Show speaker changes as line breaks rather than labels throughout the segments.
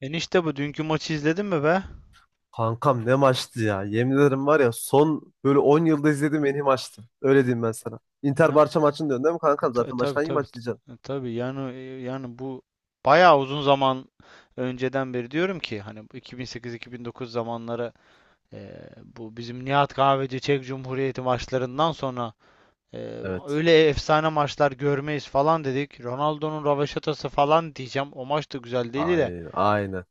Enişte bu dünkü maçı izledin mi be?
Kankam ne maçtı ya. Yemin ederim var ya son böyle 10 yılda izlediğim en iyi maçtı. Öyle diyeyim ben sana. Inter
Ya
Barça maçını diyorsun değil mi
e,
kankam?
ta- e,
Zaten
tabii
başka hangi
tabii
maç
t-
diyeceksin?
e, tabii yani e, yani bu bayağı uzun zaman önceden beri diyorum ki hani bu 2008-2009 zamanları, e, bu bizim Nihat Kahveci Çek Cumhuriyeti maçlarından sonra e,
Evet.
öyle efsane maçlar görmeyiz falan dedik. Ronaldo'nun rövaşatası falan diyeceğim. O maç da güzel değil de
Aynen. Aynen.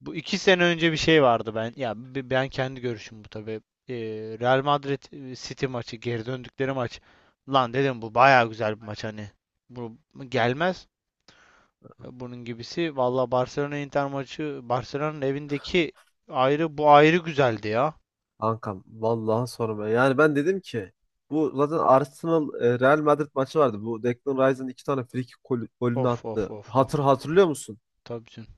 bu iki sene önce bir şey vardı ben. Ya ben kendi görüşüm bu tabii. Ee, Real Madrid City maçı, geri döndükleri maç. Lan dedim bu baya güzel bir maç hani. Bu gelmez bunun gibisi. Valla Barcelona Inter maçı, Barcelona'nın evindeki ayrı, bu ayrı güzeldi ya.
Kankam vallahi sorma. Yani ben dedim ki bu zaten Arsenal Real Madrid maçı vardı. Bu Declan Rice'ın iki tane free kick golünü
Of of
attı.
of of.
Hatırlıyor musun?
Tabii canım.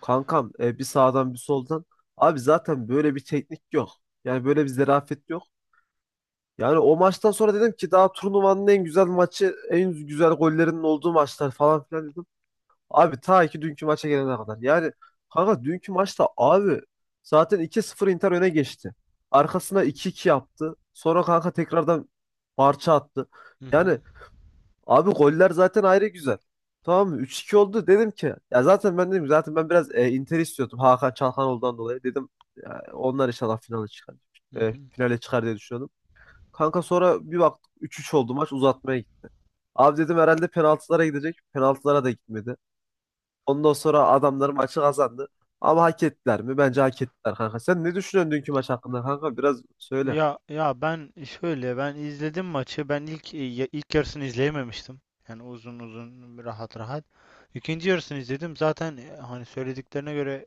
Kankam bir sağdan bir soldan. Abi zaten böyle bir teknik yok. Yani böyle bir zerafet yok. Yani o maçtan sonra dedim ki daha turnuvanın en güzel maçı, en güzel gollerinin olduğu maçlar falan filan dedim. Abi ta ki dünkü maça gelene kadar. Yani kanka dünkü maçta abi zaten 2-0 Inter öne geçti. Arkasına 2-2 yaptı. Sonra kanka tekrardan parça attı.
Hı hı.
Yani abi goller zaten ayrı güzel. Tamam mı? 3-2 oldu dedim ki ya zaten ben dedim zaten ben biraz Inter istiyordum Hakan Çalhanoğlu'ndan dolayı dedim ya onlar inşallah finale çıkar.
Hı hı.
Finale çıkar diye düşünüyordum. Kanka sonra bir baktık üç üç oldu, maç uzatmaya gitti. Abi dedim herhalde penaltılara gidecek. Penaltılara da gitmedi. Ondan sonra adamlar maçı kazandı. Ama hak ettiler mi? Bence hak ettiler kanka. Sen ne düşünüyorsun dünkü maç hakkında kanka? Biraz söyle.
Ya ben şöyle, ben izledim maçı. Ben ilk ilk yarısını izleyememiştim. Yani uzun uzun, rahat rahat. İkinci yarısını izledim. Zaten hani söylediklerine göre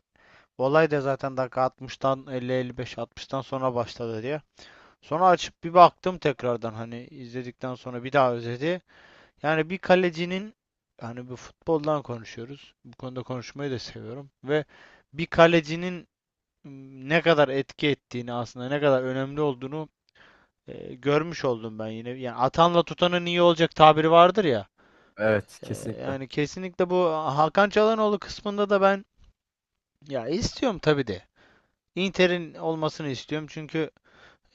olay da zaten dakika 60'tan, 50-55 60'tan sonra başladı diye. Sonra açıp bir baktım tekrardan, hani izledikten sonra bir daha özeti. Yani bir kalecinin, hani bu futboldan konuşuyoruz, bu konuda konuşmayı da seviyorum ve bir kalecinin ne kadar etki ettiğini, aslında ne kadar önemli olduğunu görmüş oldum ben yine. Yani atanla tutanın iyi olacak tabiri vardır ya.
Evet, kesinlikle.
Yani kesinlikle bu Hakan Çalhanoğlu kısmında da ben, ya istiyorum tabii de. Inter'in olmasını istiyorum çünkü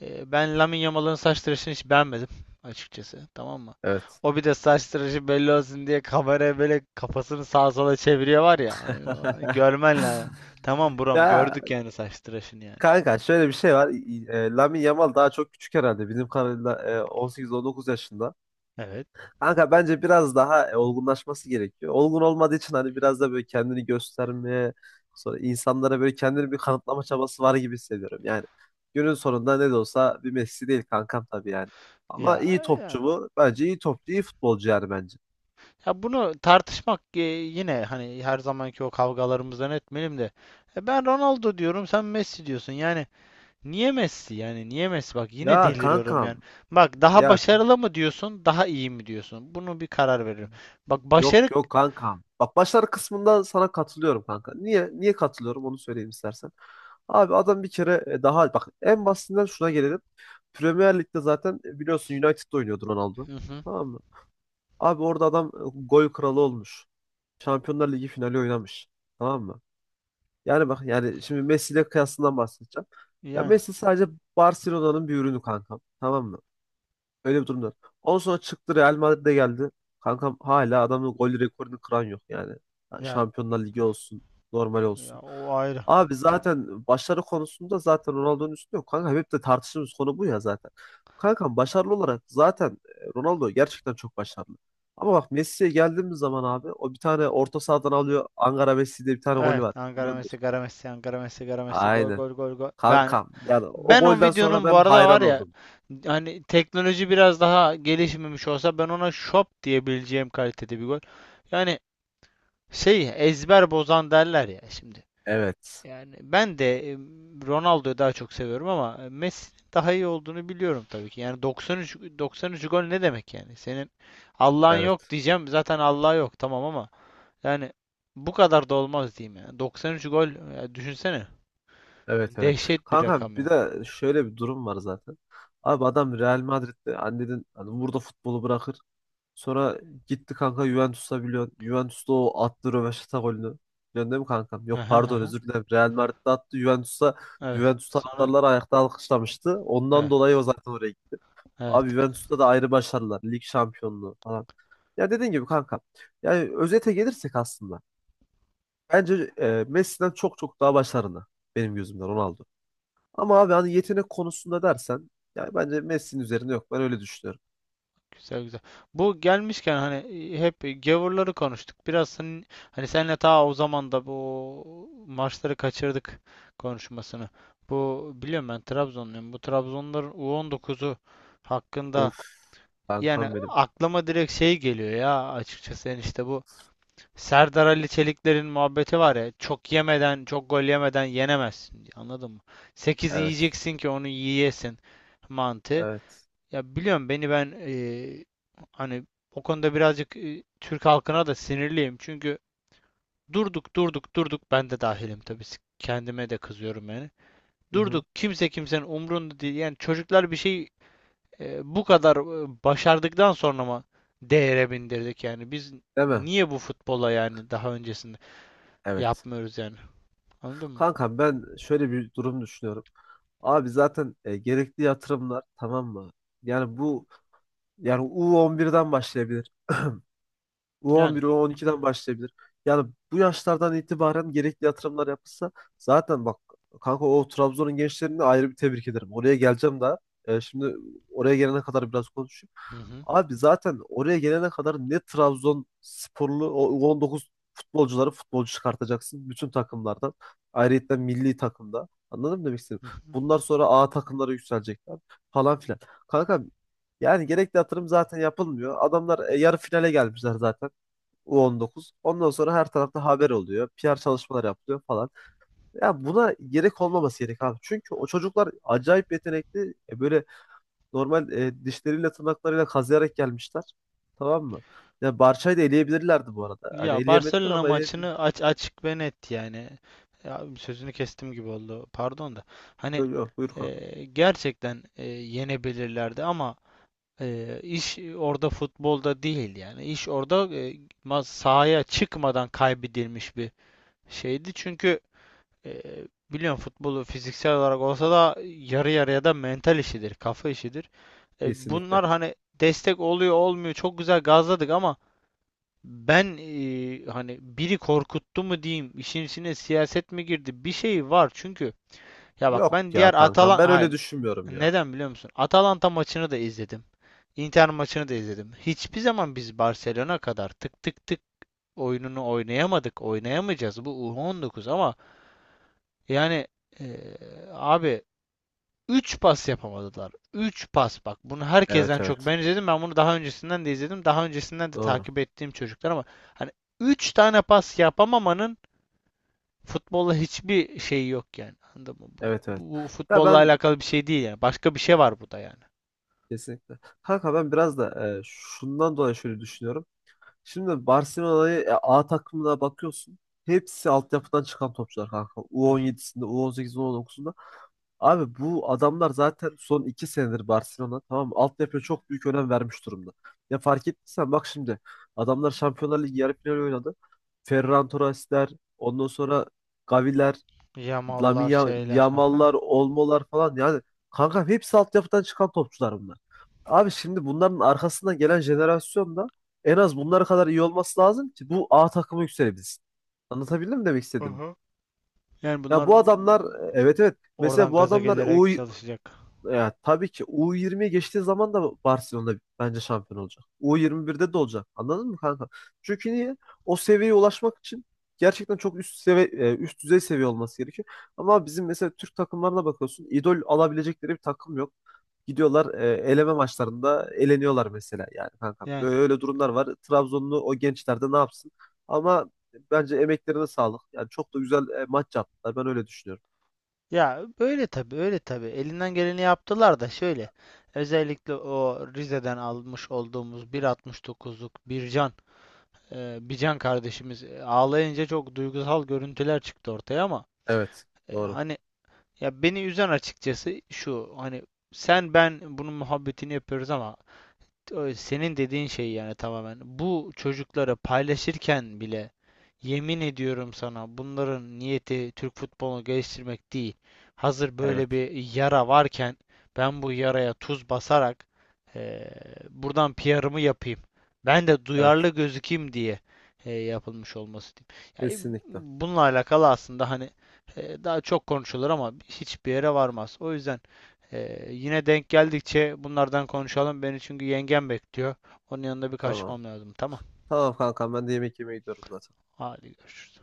ben Lamine Yamal'ın saç tıraşını hiç beğenmedim açıkçası. Tamam mı?
Evet.
O bir de saç tıraşı belli olsun diye kameraya böyle kafasını sağa sola çeviriyor var ya. Hani görmen lazım. Tamam buram
Ya
gördük yani, saç tıraşını yani.
kanka şöyle bir şey var. Lamine Yamal daha çok küçük herhalde. Bizim kadarıyla 18-19 yaşında.
Evet.
Kanka bence biraz daha olgunlaşması gerekiyor. Olgun olmadığı için hani biraz da böyle kendini göstermeye, sonra insanlara böyle kendini bir kanıtlama çabası var gibi hissediyorum. Yani günün sonunda ne de olsa bir Messi değil kankam tabii yani. Ama
Ya,
iyi
ya
topçu bu. Bence iyi topçu, iyi futbolcu yani bence.
Ya bunu tartışmak, yine hani her zamanki o kavgalarımızdan etmeyelim de ben Ronaldo diyorum, sen Messi diyorsun. Yani niye Messi? Yani niye Messi? Bak yine
Ya
deliriyorum
kankam,
yani. Bak daha
ya
başarılı mı diyorsun, daha iyi mi diyorsun? Bunu bir karar veriyorum. Bak
yok
başarı.
yok kankam. Bak başlar kısmında sana katılıyorum kanka. Niye katılıyorum onu söyleyeyim istersen. Abi adam bir kere daha bak en basitinden şuna gelelim. Premier Lig'de zaten biliyorsun United'da oynuyordu Ronaldo.
Hı hı.
Tamam mı? Abi orada adam gol kralı olmuş. Şampiyonlar Ligi finali oynamış. Tamam mı? Yani bak yani şimdi Messi ile kıyasından bahsedeceğim. Ya
Yani,
Messi sadece Barcelona'nın bir ürünü kankam. Tamam mı? Öyle bir durumda. Ondan sonra çıktı Real Madrid'e geldi. Kankam hala adamın gol rekorunu kıran yok yani.
ya,
Şampiyonlar Ligi olsun, normal
ya
olsun.
o ayrı.
Abi zaten başarı konusunda zaten Ronaldo'nun üstünde yok. Kanka hep de tartıştığımız konu bu ya zaten. Kankam başarılı olarak zaten Ronaldo gerçekten çok başarılı. Ama bak Messi'ye geldiğimiz zaman abi o bir tane orta sahadan alıyor. Ankara Messi diye bir tane golü var.
Evet, Ankara
Biliyordur.
Messi, Ankara Messi, Ankara Messi, Ankara Messi, gol
Aynen.
gol gol gol. Ben,
Kankam yani o
ben o
golden sonra
videonun bu
ben
arada var
hayran
ya,
oldum.
hani teknoloji biraz daha gelişmemiş olsa ben ona şop diyebileceğim kalitede bir gol. Yani şey, ezber bozan derler ya şimdi.
Evet.
Yani ben de Ronaldo'yu daha çok seviyorum ama Messi'nin daha iyi olduğunu biliyorum tabii ki. Yani 93 gol ne demek yani? Senin Allah'ın yok
Evet.
diyeceğim. Zaten Allah yok, tamam ama yani bu kadar da olmaz diyeyim yani. 93 gol, ya düşünsene.
Evet evet.
Dehşet bir
Kanka
rakam
bir
yani.
de şöyle bir durum var zaten. Abi adam Real Madrid'de annenin hani burada futbolu bırakır. Sonra gitti kanka Juventus'a biliyorsun. Juventus'ta o attı röveşata golünü. Biliyorsun değil mi kankam? Yok
Aha,
pardon
aha.
özür dilerim. Real Madrid'de attı Juventus'a.
Evet.
Juventus
Sonra.
taraftarlar ayakta alkışlamıştı. Ondan
Evet,
dolayı o zaten oraya gitti. Abi
evet.
Juventus'ta da ayrı başarılar. Lig şampiyonluğu falan. Ya dediğin gibi kanka. Yani özete gelirsek aslında. Bence Messi'den çok çok daha başarılı. Benim gözümden Ronaldo. Ama abi hani yetenek konusunda dersen yani bence Messi'nin üzerinde yok. Ben öyle düşünüyorum.
Güzel güzel. Bu gelmişken hani hep gavurları konuştuk. Biraz senin, hani senle ta o zaman da bu maçları kaçırdık, konuşmasını. Bu biliyorum ben Trabzonluyum. Bu Trabzonların U19'u
Of
hakkında yani
kankam benim.
aklıma direkt şey geliyor ya, açıkçası yani, işte bu Serdar Ali Çelikler'in muhabbeti var ya, çok yemeden, çok gol yemeden yenemezsin diye, anladın mı? 8
Evet.
yiyeceksin ki onu yiyesin mantığı.
Evet.
Ya biliyorum beni ben hani o konuda birazcık Türk halkına da sinirliyim. Çünkü durduk, ben de dahilim tabii, kendime de kızıyorum yani.
Hı hı.
Durduk, kimse kimsenin umrunda değil. Yani çocuklar bir şey bu kadar başardıktan sonra mı değere bindirdik yani. Biz
Değil mi?
niye bu futbola yani daha öncesinde
Evet.
yapmıyoruz yani. Anladın mı?
Kankam ben şöyle bir durum düşünüyorum. Abi zaten gerekli yatırımlar tamam mı? Yani bu yani U11'den başlayabilir.
Yani.
U11, U12'den başlayabilir. Yani bu yaşlardan itibaren gerekli yatırımlar yapılsa zaten bak kanka o Trabzon'un gençlerini ayrı bir tebrik ederim. Oraya geleceğim daha. Şimdi oraya gelene kadar biraz konuşuyorum.
Hı hı.
Abi zaten oraya gelene kadar ne Trabzonsporlu o 19 futbolcuları futbolcu çıkartacaksın bütün takımlardan. Ayrıca milli takımda. Anladın mı demek istedim?
Hı hı.
Bunlar sonra A takımlara yükselecekler falan filan. Kanka yani gerekli yatırım zaten yapılmıyor. Adamlar yarı finale gelmişler zaten U19. Ondan sonra her tarafta haber oluyor. PR çalışmalar yapılıyor falan. Ya buna gerek olmaması gerek abi. Çünkü o çocuklar acayip yetenekli. Böyle normal dişleriyle tırnaklarıyla kazıyarak gelmişler. Tamam mı? Ya Barça'yı da eleyebilirlerdi bu arada. Hani
Ya
eleyemediler
Barcelona
ama eleyebilir.
maçını aç, açık ve net yani. Ya sözünü kestim gibi oldu, pardon da. Hani
Yok yok buyur kanka.
gerçekten yenebilirlerdi ama iş orada futbolda değil yani. İş orada sahaya çıkmadan kaybedilmiş bir şeydi. Çünkü e, biliyorsun futbolu, fiziksel olarak olsa da yarı yarıya da mental işidir, kafa işidir.
Kesinlikle.
Bunlar hani destek oluyor olmuyor, çok güzel gazladık ama ben hani biri korkuttu mu diyeyim, işin içine siyaset mi girdi? Bir şey var çünkü. Ya bak
Yok
ben diğer
ya kankam
Atalan
ben
hayır.
öyle düşünmüyorum ya.
Neden biliyor musun? Atalanta maçını da izledim. Inter maçını da izledim. Hiçbir zaman biz Barcelona kadar tık tık tık oyununu oynayamadık. Oynayamayacağız. Bu U19 ama yani eee, abi üç pas yapamadılar. 3 pas, bak. Bunu herkesten
Evet
çok
evet.
ben izledim. Ben bunu daha öncesinden de izledim. Daha öncesinden de
Doğru.
takip ettiğim çocuklar ama hani üç tane pas yapamamanın futbolla hiçbir şeyi yok yani. Anladın mı? Bu,
Evet evet.
bu, bu
Ya
futbolla
ben
alakalı bir şey değil yani. Başka bir şey var burada yani.
kesinlikle. Kanka ben biraz da şundan dolayı şöyle düşünüyorum. Şimdi Barcelona'yı A takımına bakıyorsun. Hepsi altyapıdan çıkan topçular kanka.
Hı hı.
U17'sinde, U18'inde, U19'unda. Abi bu adamlar zaten son iki senedir Barcelona tamam mı? Altyapıya çok büyük önem vermiş durumda. Ya fark ettiysen bak şimdi adamlar Şampiyonlar Ligi yarı finali oynadı. Ferran Torres'ler, ondan sonra Gavi'ler,
Yamallar, şeyler. Aha.
Yamal'lar, Olmo'lar falan yani kanka hepsi altyapıdan çıkan topçular bunlar. Abi şimdi bunların arkasından gelen jenerasyon da en az bunlara kadar iyi olması lazım ki bu A takımı yükselebilsin. Anlatabildim mi demek istediğimi?
Aha. Yani
Ya
bunlar
bu adamlar evet evet mesela
oradan
bu
gaza
adamlar o.
gelerek çalışacak.
Ya, tabii ki U20'ye geçtiği zaman da Barcelona bence şampiyon olacak. U21'de de olacak. Anladın mı kanka? Çünkü niye? O seviyeye ulaşmak için gerçekten çok üst seviye üst düzey seviye olması gerekiyor. Ama bizim mesela Türk takımlarına bakıyorsun. İdol alabilecekleri bir takım yok. Gidiyorlar eleme maçlarında eleniyorlar mesela yani kanka.
Yani,
Böyle durumlar var. Trabzonlu o gençler de ne yapsın? Ama bence emeklerine sağlık. Yani çok da güzel maç yaptılar. Ben öyle düşünüyorum.
ya öyle tabii, öyle tabii. Elinden geleni yaptılar da şöyle. Özellikle o Rize'den almış olduğumuz 1.69'luk Bircan, Bircan kardeşimiz ağlayınca çok duygusal görüntüler çıktı ortaya ama
Evet. Doğru.
hani ya beni üzen açıkçası şu, hani sen ben bunun muhabbetini yapıyoruz ama senin dediğin şey yani, tamamen. Bu çocuklara paylaşırken bile yemin ediyorum sana, bunların niyeti Türk futbolunu geliştirmek değil. Hazır böyle
Evet.
bir yara varken ben bu yaraya tuz basarak eee, buradan PR'ımı yapayım, ben de duyarlı
Evet.
gözükeyim diye yapılmış olması diyeyim. Yani
Kesinlikle.
bununla alakalı aslında hani daha çok konuşulur ama hiçbir yere varmaz. O yüzden yine denk geldikçe bunlardan konuşalım. Beni çünkü yengem bekliyor. Onun yanında bir
Tamam.
kaçmam lazım. Tamam.
Tamam kankam ben de yemek yemeye gidiyorum zaten.
Hadi görüşürüz.